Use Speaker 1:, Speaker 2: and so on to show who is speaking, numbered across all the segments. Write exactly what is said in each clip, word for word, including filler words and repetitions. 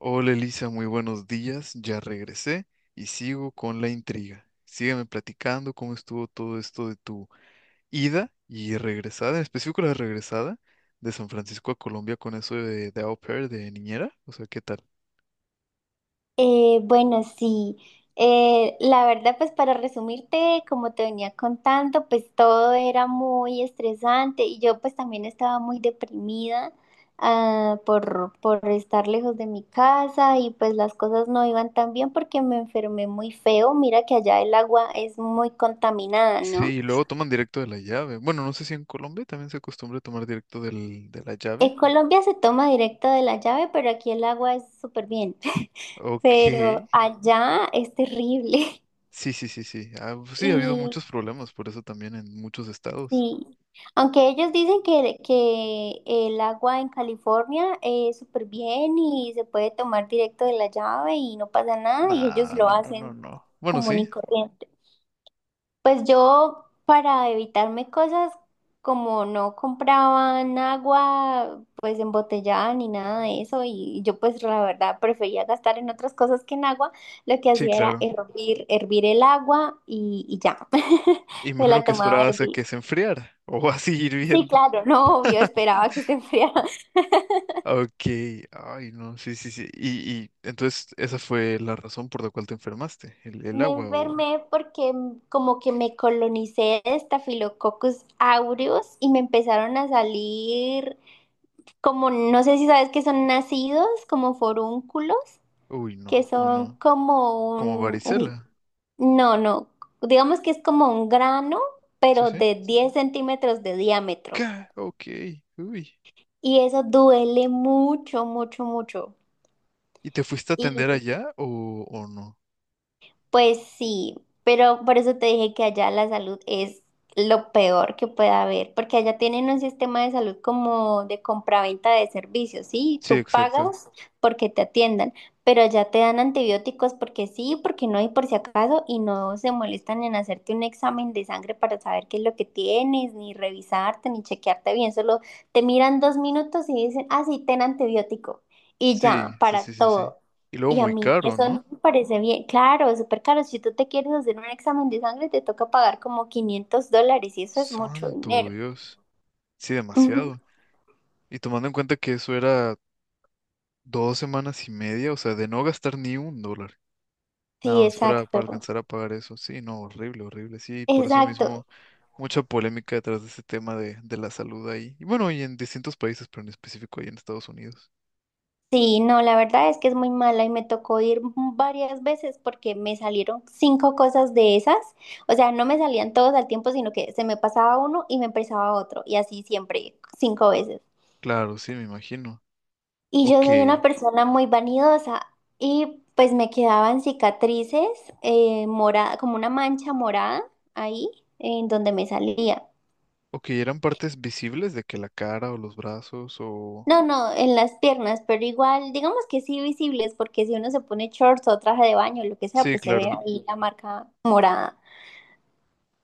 Speaker 1: Hola Elisa, muy buenos días. Ya regresé y sigo con la intriga. Sígueme platicando cómo estuvo todo esto de tu ida y regresada, en específico la regresada de San Francisco a Colombia con eso de, de au pair, de niñera. O sea, ¿qué tal?
Speaker 2: Eh, bueno, sí. Eh, la verdad, pues para resumirte, como te venía contando, pues todo era muy estresante y yo pues también estaba muy deprimida ah, por, por estar lejos de mi casa, y pues las cosas no iban tan bien porque me enfermé muy feo. Mira que allá el agua es muy contaminada,
Speaker 1: Sí,
Speaker 2: ¿no?
Speaker 1: y luego toman directo de la llave. Bueno, no sé si en Colombia también se acostumbra a tomar directo del, de la llave.
Speaker 2: En Colombia se toma directo de la llave, pero aquí el agua es súper bien.
Speaker 1: Ok.
Speaker 2: Pero allá es terrible.
Speaker 1: Sí, sí, sí, sí. Ah, pues
Speaker 2: Y
Speaker 1: sí, ha habido muchos problemas por eso también en muchos estados.
Speaker 2: sí, aunque ellos dicen que, que el agua en California es súper bien y se puede tomar directo de la llave y no pasa nada, y ellos
Speaker 1: Nah,
Speaker 2: lo
Speaker 1: no, no, no,
Speaker 2: hacen
Speaker 1: no. Bueno,
Speaker 2: común
Speaker 1: sí,
Speaker 2: y corriente. Pues yo, para evitarme cosas como no compraban agua pues embotellada ni nada de eso, y yo pues la verdad prefería gastar en otras cosas que en agua, lo que
Speaker 1: sí,
Speaker 2: hacía era
Speaker 1: claro.
Speaker 2: hervir, hervir el agua y, y ya,
Speaker 1: Y me
Speaker 2: me
Speaker 1: imagino
Speaker 2: la
Speaker 1: que
Speaker 2: tomaba a
Speaker 1: esperabas a
Speaker 2: hervir.
Speaker 1: que se enfriara o a seguir
Speaker 2: Sí,
Speaker 1: viendo.
Speaker 2: claro, no, obvio, esperaba que se enfriara.
Speaker 1: Ok, ay no, sí, sí, sí. Y, y entonces esa fue la razón por la cual te enfermaste, el, el
Speaker 2: Me
Speaker 1: agua o...
Speaker 2: enfermé porque mm, como que me colonicé de Staphylococcus aureus y me empezaron a salir como, no sé si sabes que son nacidos, como forúnculos,
Speaker 1: Uy,
Speaker 2: que
Speaker 1: no, no,
Speaker 2: son
Speaker 1: no.
Speaker 2: como
Speaker 1: Como
Speaker 2: un, un-
Speaker 1: varicela.
Speaker 2: no, no, digamos que es como un grano,
Speaker 1: Sí,
Speaker 2: pero
Speaker 1: sí.
Speaker 2: de diez centímetros de diámetro.
Speaker 1: Ca- Ok, uy.
Speaker 2: Y eso duele mucho, mucho, mucho.
Speaker 1: ¿Y te fuiste a atender allá o, o no?
Speaker 2: Pues sí, pero por eso te dije que allá la salud es lo peor que puede haber, porque allá tienen un sistema de salud como de compraventa de servicios, ¿sí?
Speaker 1: Sí,
Speaker 2: Tú
Speaker 1: exacto.
Speaker 2: pagas porque te atiendan, pero allá te dan antibióticos porque sí, porque no y por si acaso, y no se molestan en hacerte un examen de sangre para saber qué es lo que tienes, ni revisarte, ni chequearte bien, solo te miran dos minutos y dicen, ah, sí, ten antibiótico, y ya,
Speaker 1: Sí, sí,
Speaker 2: para
Speaker 1: sí, sí, sí.
Speaker 2: todo.
Speaker 1: Y luego
Speaker 2: Y a
Speaker 1: muy
Speaker 2: mí
Speaker 1: caro,
Speaker 2: eso
Speaker 1: ¿no?
Speaker 2: no me parece bien. Claro, es súper caro. Si tú te quieres hacer un examen de sangre, te toca pagar como quinientos dólares, y eso es mucho
Speaker 1: Santo
Speaker 2: dinero.
Speaker 1: Dios. Sí,
Speaker 2: Ujú.
Speaker 1: demasiado. Y tomando en cuenta que eso era dos semanas y media, o sea, de no gastar ni un dólar. Nada
Speaker 2: Sí,
Speaker 1: más para, para
Speaker 2: exacto.
Speaker 1: alcanzar a pagar eso. Sí, no, horrible, horrible. Sí, por eso
Speaker 2: Exacto.
Speaker 1: mismo mucha polémica detrás de ese tema de, de la salud ahí. Y bueno, y en distintos países, pero en específico ahí en Estados Unidos.
Speaker 2: Sí, no, la verdad es que es muy mala y me tocó ir varias veces porque me salieron cinco cosas de esas. O sea, no me salían todos al tiempo, sino que se me pasaba uno y me empezaba otro. Y así siempre, cinco veces.
Speaker 1: Claro, sí, me imagino.
Speaker 2: Y yo
Speaker 1: Ok.
Speaker 2: soy una persona muy vanidosa y pues me quedaban cicatrices eh, morada, como una mancha morada ahí en donde me salía.
Speaker 1: Ok, ¿eran partes visibles de que la cara o los brazos o...?
Speaker 2: No, no, en las piernas, pero igual, digamos que sí visibles, porque si uno se pone shorts o traje de baño, lo que sea,
Speaker 1: Sí,
Speaker 2: pues se ve
Speaker 1: claro.
Speaker 2: ahí la marca morada.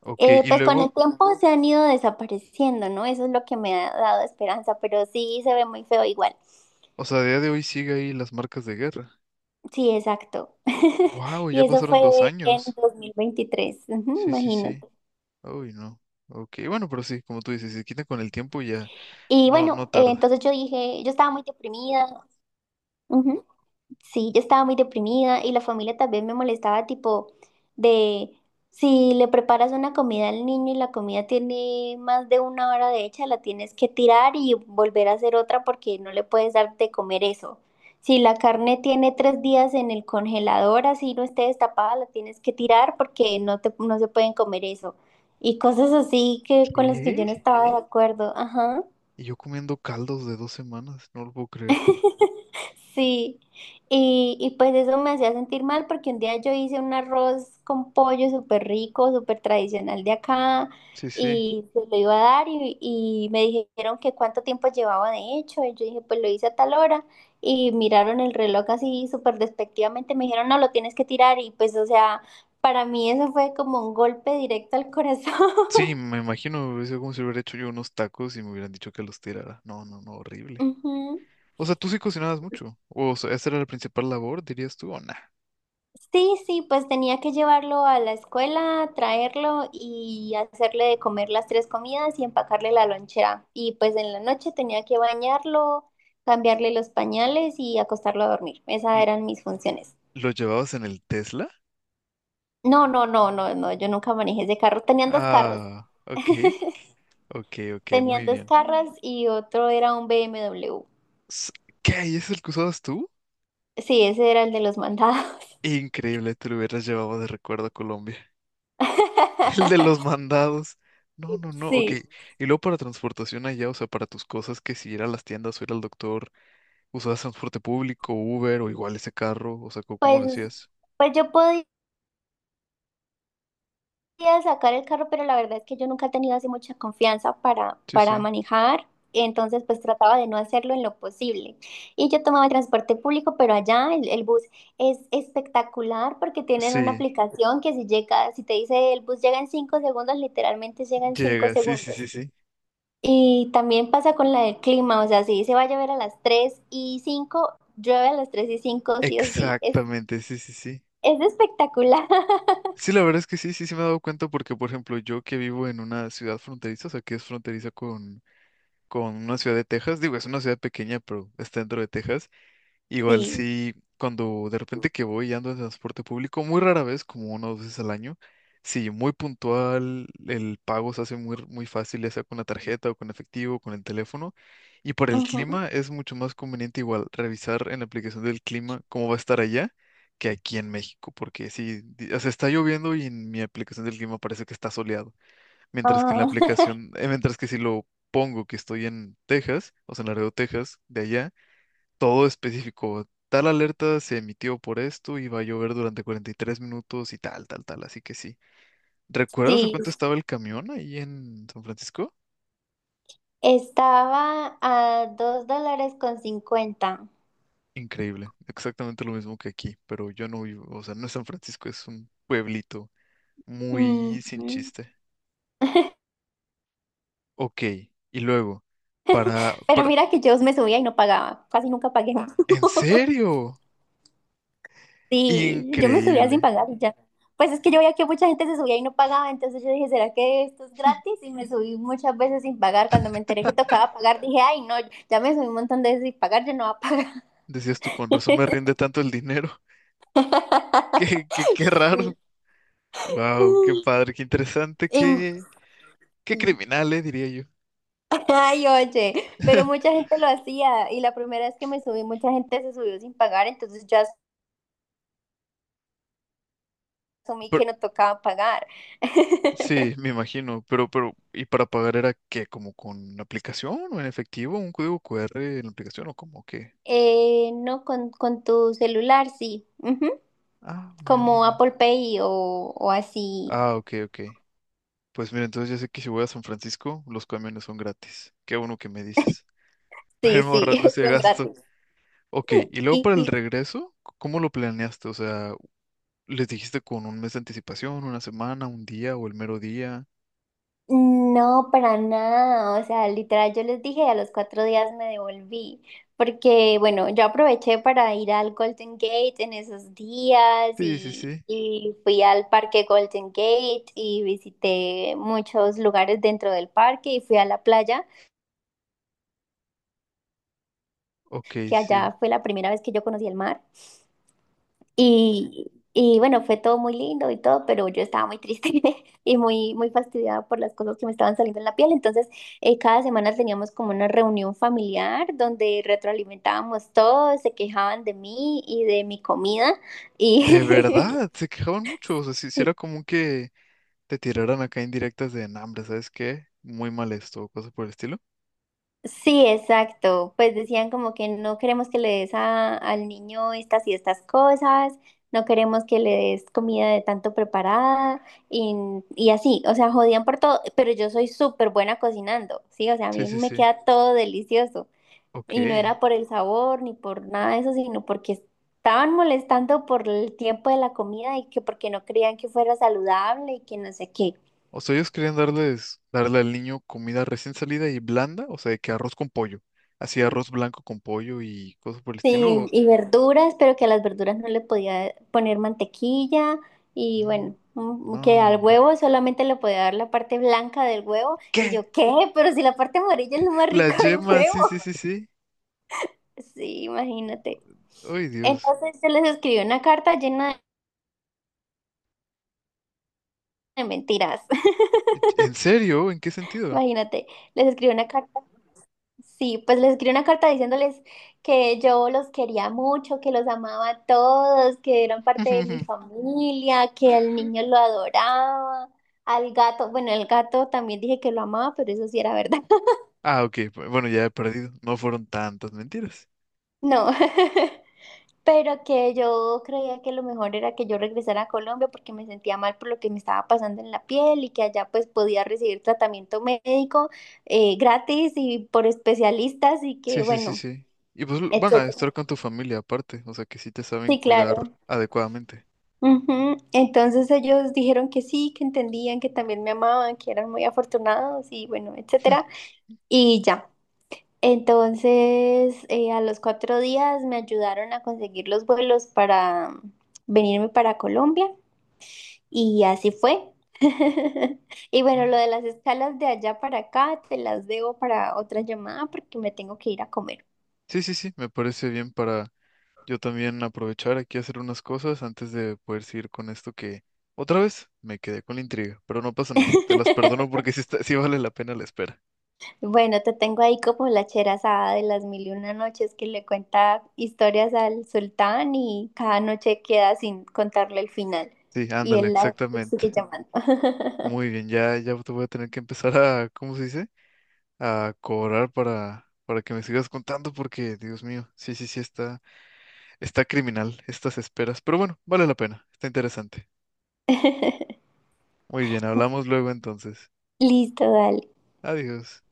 Speaker 1: Ok,
Speaker 2: Eh,
Speaker 1: y
Speaker 2: pues con
Speaker 1: luego,
Speaker 2: el tiempo se han ido desapareciendo, ¿no? Eso es lo que me ha dado esperanza, pero sí se ve muy feo igual.
Speaker 1: o sea, a día de hoy sigue ahí las marcas de guerra.
Speaker 2: Sí, exacto.
Speaker 1: Wow, ya
Speaker 2: Y eso
Speaker 1: pasaron dos
Speaker 2: fue en
Speaker 1: años.
Speaker 2: dos mil veintitrés, ujú,
Speaker 1: Sí, sí, sí.
Speaker 2: imagínate.
Speaker 1: Uy, no. Ok, bueno, pero sí, como tú dices, si se quita con el tiempo ya
Speaker 2: Y
Speaker 1: no, no
Speaker 2: bueno, eh,
Speaker 1: tarda.
Speaker 2: entonces yo dije, yo estaba muy deprimida, ujú, sí, yo estaba muy deprimida, y la familia también me molestaba tipo de, si le preparas una comida al niño y la comida tiene más de una hora de hecha, la tienes que tirar y volver a hacer otra porque no le puedes dar de comer eso. Si la carne tiene tres días en el congelador, así no esté destapada, la tienes que tirar porque no te, no se pueden comer eso. Y cosas así, que con las que yo
Speaker 1: ¿Qué?
Speaker 2: no estaba de acuerdo, ajá.
Speaker 1: Y yo comiendo caldos de dos semanas, no lo puedo creer.
Speaker 2: Sí, y, y pues eso me hacía sentir mal porque un día yo hice un arroz con pollo súper rico, súper tradicional de acá,
Speaker 1: Sí, sí.
Speaker 2: y se lo iba a dar y, y me dijeron que cuánto tiempo llevaba de hecho, y yo dije, pues lo hice a tal hora, y miraron el reloj así súper despectivamente, me dijeron, no, lo tienes que tirar, y pues o sea, para mí eso fue como un golpe directo al corazón.
Speaker 1: Sí, me imagino, hubiese sido como si hubiera hecho yo unos tacos y me hubieran dicho que los tirara. No, no, no, horrible.
Speaker 2: Ujú.
Speaker 1: O sea, tú sí cocinabas mucho. O sea, ¿esa era la principal labor, dirías tú, o nah?
Speaker 2: Sí, sí, pues tenía que llevarlo a la escuela, traerlo y hacerle de comer las tres comidas y empacarle la lonchera. Y pues en la noche tenía que bañarlo, cambiarle los pañales y acostarlo a dormir. Esas
Speaker 1: ¿Lo
Speaker 2: eran mis funciones.
Speaker 1: lo llevabas en el Tesla?
Speaker 2: No, no, no, no, no, yo nunca manejé ese carro. Tenían dos carros,
Speaker 1: Ah, ok, ok, ok,
Speaker 2: tenían
Speaker 1: muy
Speaker 2: dos
Speaker 1: bien.
Speaker 2: carros, y otro era un B M W.
Speaker 1: S- ¿Qué? ¿Y ese es el que usabas tú?
Speaker 2: Sí, ese era el de los mandados.
Speaker 1: Increíble, te lo hubieras llevado de recuerdo a Colombia. El de los mandados. No, no, no, ok.
Speaker 2: Sí,
Speaker 1: Y luego para transportación allá, o sea, para tus cosas, que si ir a las tiendas o ir al doctor, ¿usabas transporte público, Uber o igual ese carro? O sea, ¿cómo cómo lo
Speaker 2: pues,
Speaker 1: hacías?
Speaker 2: pues yo podía, quería sacar el carro, pero la verdad es que yo nunca he tenido así mucha confianza para,
Speaker 1: Sí, sí.
Speaker 2: para manejar. Entonces, pues trataba de no hacerlo en lo posible. Y yo tomaba el transporte público, pero allá el, el bus es espectacular porque tienen una
Speaker 1: Sí,
Speaker 2: aplicación que si llega, si te dice el bus llega en cinco segundos, literalmente llega en cinco
Speaker 1: llega, sí, sí,
Speaker 2: segundos.
Speaker 1: sí, sí.
Speaker 2: Y también pasa con la del clima, o sea, si se va a llover a las tres y cinco, llueve a las tres y cinco sí o sí. Es,
Speaker 1: Exactamente, sí, sí, sí.
Speaker 2: es espectacular.
Speaker 1: Sí, la verdad es que sí, sí, sí me he dado cuenta porque, por ejemplo, yo que vivo en una ciudad fronteriza, o sea, que es fronteriza con, con una ciudad de Texas, digo, es una ciudad pequeña, pero está dentro de Texas. Igual
Speaker 2: Sí.
Speaker 1: sí, cuando de repente que voy y ando en transporte público, muy rara vez, como una o dos veces al año, sí, muy puntual, el pago se hace muy, muy fácil, ya sea con la tarjeta o con efectivo, con el teléfono. Y por el
Speaker 2: Ujú.
Speaker 1: clima es mucho más conveniente igual revisar en la aplicación del clima cómo va a estar allá que aquí en México, porque sí, di- o sea, está lloviendo y en mi aplicación del clima parece que está soleado, mientras que en la
Speaker 2: Ah,
Speaker 1: aplicación, eh, mientras que si lo pongo que estoy en Texas, o sea, en Laredo, Texas, de allá todo específico. Tal alerta se emitió por esto y va a llover durante cuarenta y tres minutos y tal, tal, tal. Así que sí. ¿Recuerdas a
Speaker 2: sí.
Speaker 1: cuánto estaba el camión ahí en San Francisco?
Speaker 2: Estaba a dos dólares con cincuenta.
Speaker 1: Increíble. Exactamente lo mismo que aquí, pero yo no vivo, o sea, no es San Francisco, es un pueblito muy sin
Speaker 2: Ujú.
Speaker 1: chiste. Ok, y luego, para,
Speaker 2: Pero
Speaker 1: para,
Speaker 2: mira que yo me subía y no pagaba, casi nunca pagué.
Speaker 1: ¿en serio?
Speaker 2: Sí, yo me subía sin
Speaker 1: Increíble.
Speaker 2: pagar y ya. Pues es que yo veía que mucha gente se subía y no pagaba, entonces yo dije, ¿será que esto es gratis? Y me subí muchas veces sin pagar. Cuando me enteré que tocaba pagar, dije, ay, no, ya me subí un montón de veces sin pagar, yo no voy a pagar.
Speaker 1: Decías tú, con razón me rinde tanto el dinero. Qué, qué, qué raro.
Speaker 2: Sí.
Speaker 1: Wow, qué padre, qué interesante,
Speaker 2: Y-
Speaker 1: qué, Qué
Speaker 2: sí.
Speaker 1: criminal, eh, diría yo.
Speaker 2: Ay, oye, pero mucha gente lo hacía y la primera vez que me subí, mucha gente se subió sin pagar, entonces ya asumí
Speaker 1: Pero-
Speaker 2: que no tocaba pagar.
Speaker 1: sí, me imagino, pero, pero, ¿y para pagar era qué? ¿Como con la aplicación o en efectivo? ¿Un código Q R en la aplicación o como qué?
Speaker 2: Eh, no, con, con tu celular, sí. Ujú,
Speaker 1: Ah, mira, muy
Speaker 2: como
Speaker 1: bien.
Speaker 2: Apple Pay o, o así.
Speaker 1: Ah, ok, ok. Pues mira, entonces ya sé que si voy a San Francisco, los camiones son gratis. Qué bueno que me dices. Para
Speaker 2: Sí,
Speaker 1: irme
Speaker 2: sí,
Speaker 1: ahorrando ese
Speaker 2: son
Speaker 1: gasto.
Speaker 2: gratis.
Speaker 1: Ok, y luego
Speaker 2: Sí,
Speaker 1: para el
Speaker 2: sí.
Speaker 1: regreso, c- ¿cómo lo planeaste? O sea, ¿les dijiste con un mes de anticipación, una semana, un día o el mero día?
Speaker 2: No, para nada. O sea, literal, yo les dije, a los cuatro días me devolví. Porque, bueno, yo aproveché para ir al Golden Gate en esos días
Speaker 1: Sí, sí,
Speaker 2: y,
Speaker 1: sí.
Speaker 2: y fui al parque Golden Gate y visité muchos lugares dentro del parque y fui a la playa,
Speaker 1: Ok,
Speaker 2: que
Speaker 1: sí.
Speaker 2: allá fue la primera vez que yo conocí el mar. Y, y bueno, fue todo muy lindo y todo, pero yo estaba muy triste y muy, muy fastidiada por las cosas que me estaban saliendo en la piel. Entonces, eh, cada semana teníamos como una reunión familiar donde retroalimentábamos todo, se quejaban de mí y de mi comida.
Speaker 1: De
Speaker 2: Y,
Speaker 1: verdad, se quejaban mucho. O sea, si, si era común que te tiraran acá indirectas de hambre, ¿sabes qué? Muy mal esto, o cosas por el estilo.
Speaker 2: sí, exacto. Pues decían como que no queremos que le des a- al niño estas y estas cosas, no queremos que le des comida de tanto preparada, y, y así, o sea, jodían por todo, pero yo soy súper buena cocinando, sí, o sea, a
Speaker 1: Sí,
Speaker 2: mí
Speaker 1: sí,
Speaker 2: me
Speaker 1: sí.
Speaker 2: queda todo delicioso,
Speaker 1: Ok.
Speaker 2: y no era por el sabor ni por nada de eso, sino porque estaban molestando por el tiempo de la comida y que porque no creían que fuera saludable y que no sé qué.
Speaker 1: O sea, ellos querían darles, darle al niño comida recién salida y blanda, o sea, de que arroz con pollo. Así arroz blanco con pollo y cosas por el estilo.
Speaker 2: Sí,
Speaker 1: o-
Speaker 2: y verduras, pero que a las verduras no le podía poner mantequilla, y bueno,
Speaker 1: Mm, No,
Speaker 2: mm, que al
Speaker 1: hombre.
Speaker 2: huevo solamente le podía dar la parte blanca del huevo, y
Speaker 1: ¿Qué?
Speaker 2: yo, ¿qué? Pero si la parte amarilla es lo más
Speaker 1: La
Speaker 2: rico del
Speaker 1: yema,
Speaker 2: huevo.
Speaker 1: sí, sí, sí, sí.
Speaker 2: Sí, imagínate.
Speaker 1: Ay, Dios.
Speaker 2: Entonces yo les escribí una carta llena de mentiras.
Speaker 1: ¿En serio? ¿En qué sentido?
Speaker 2: Imagínate, les escribí una carta. Sí, pues les escribí una carta diciéndoles que yo los quería mucho, que los amaba a todos, que eran parte de mi familia, que al niño lo adoraba, al gato, bueno, el gato también dije que lo amaba, pero eso sí era verdad.
Speaker 1: Ah, ok. Bueno, ya he perdido. No fueron tantas mentiras.
Speaker 2: No, pero que yo creía que lo mejor era que yo regresara a Colombia porque me sentía mal por lo que me estaba pasando en la piel, y que allá pues podía recibir tratamiento médico eh, gratis y por especialistas y que
Speaker 1: Sí, sí, sí,
Speaker 2: bueno,
Speaker 1: sí. Y pues l- van a
Speaker 2: etcétera.
Speaker 1: estar con tu familia aparte, o sea que sí te saben
Speaker 2: Sí,
Speaker 1: cuidar
Speaker 2: claro.
Speaker 1: adecuadamente.
Speaker 2: Ujú. Entonces ellos dijeron que sí, que entendían, que también me amaban, que eran muy afortunados y bueno, etcétera. Y ya. Entonces eh, a los cuatro días me ayudaron a conseguir los vuelos para venirme para Colombia, y así fue. Y bueno,
Speaker 1: Bueno.
Speaker 2: lo de las escalas de allá para acá te las debo para otra llamada porque me tengo que ir a comer.
Speaker 1: Sí, sí, sí, me parece bien para yo también aprovechar aquí a hacer unas cosas antes de poder seguir con esto que otra vez me quedé con la intriga, pero no pasa nada, te las perdono porque sí, está- sí vale la pena la espera.
Speaker 2: Bueno, te tengo ahí como la Cherazada de las mil y una noches, que le cuenta historias al sultán y cada noche queda sin contarle el final.
Speaker 1: Sí,
Speaker 2: Y
Speaker 1: ándale,
Speaker 2: él la
Speaker 1: exactamente.
Speaker 2: sigue llamando.
Speaker 1: Muy bien, ya, ya te voy a tener que empezar a, ¿cómo se dice? A cobrar para, para que me sigas contando porque, Dios mío, sí, sí, sí está. Está criminal estas esperas, pero bueno, vale la pena, está interesante. Muy bien, hablamos luego entonces.
Speaker 2: Listo, dale.
Speaker 1: Adiós.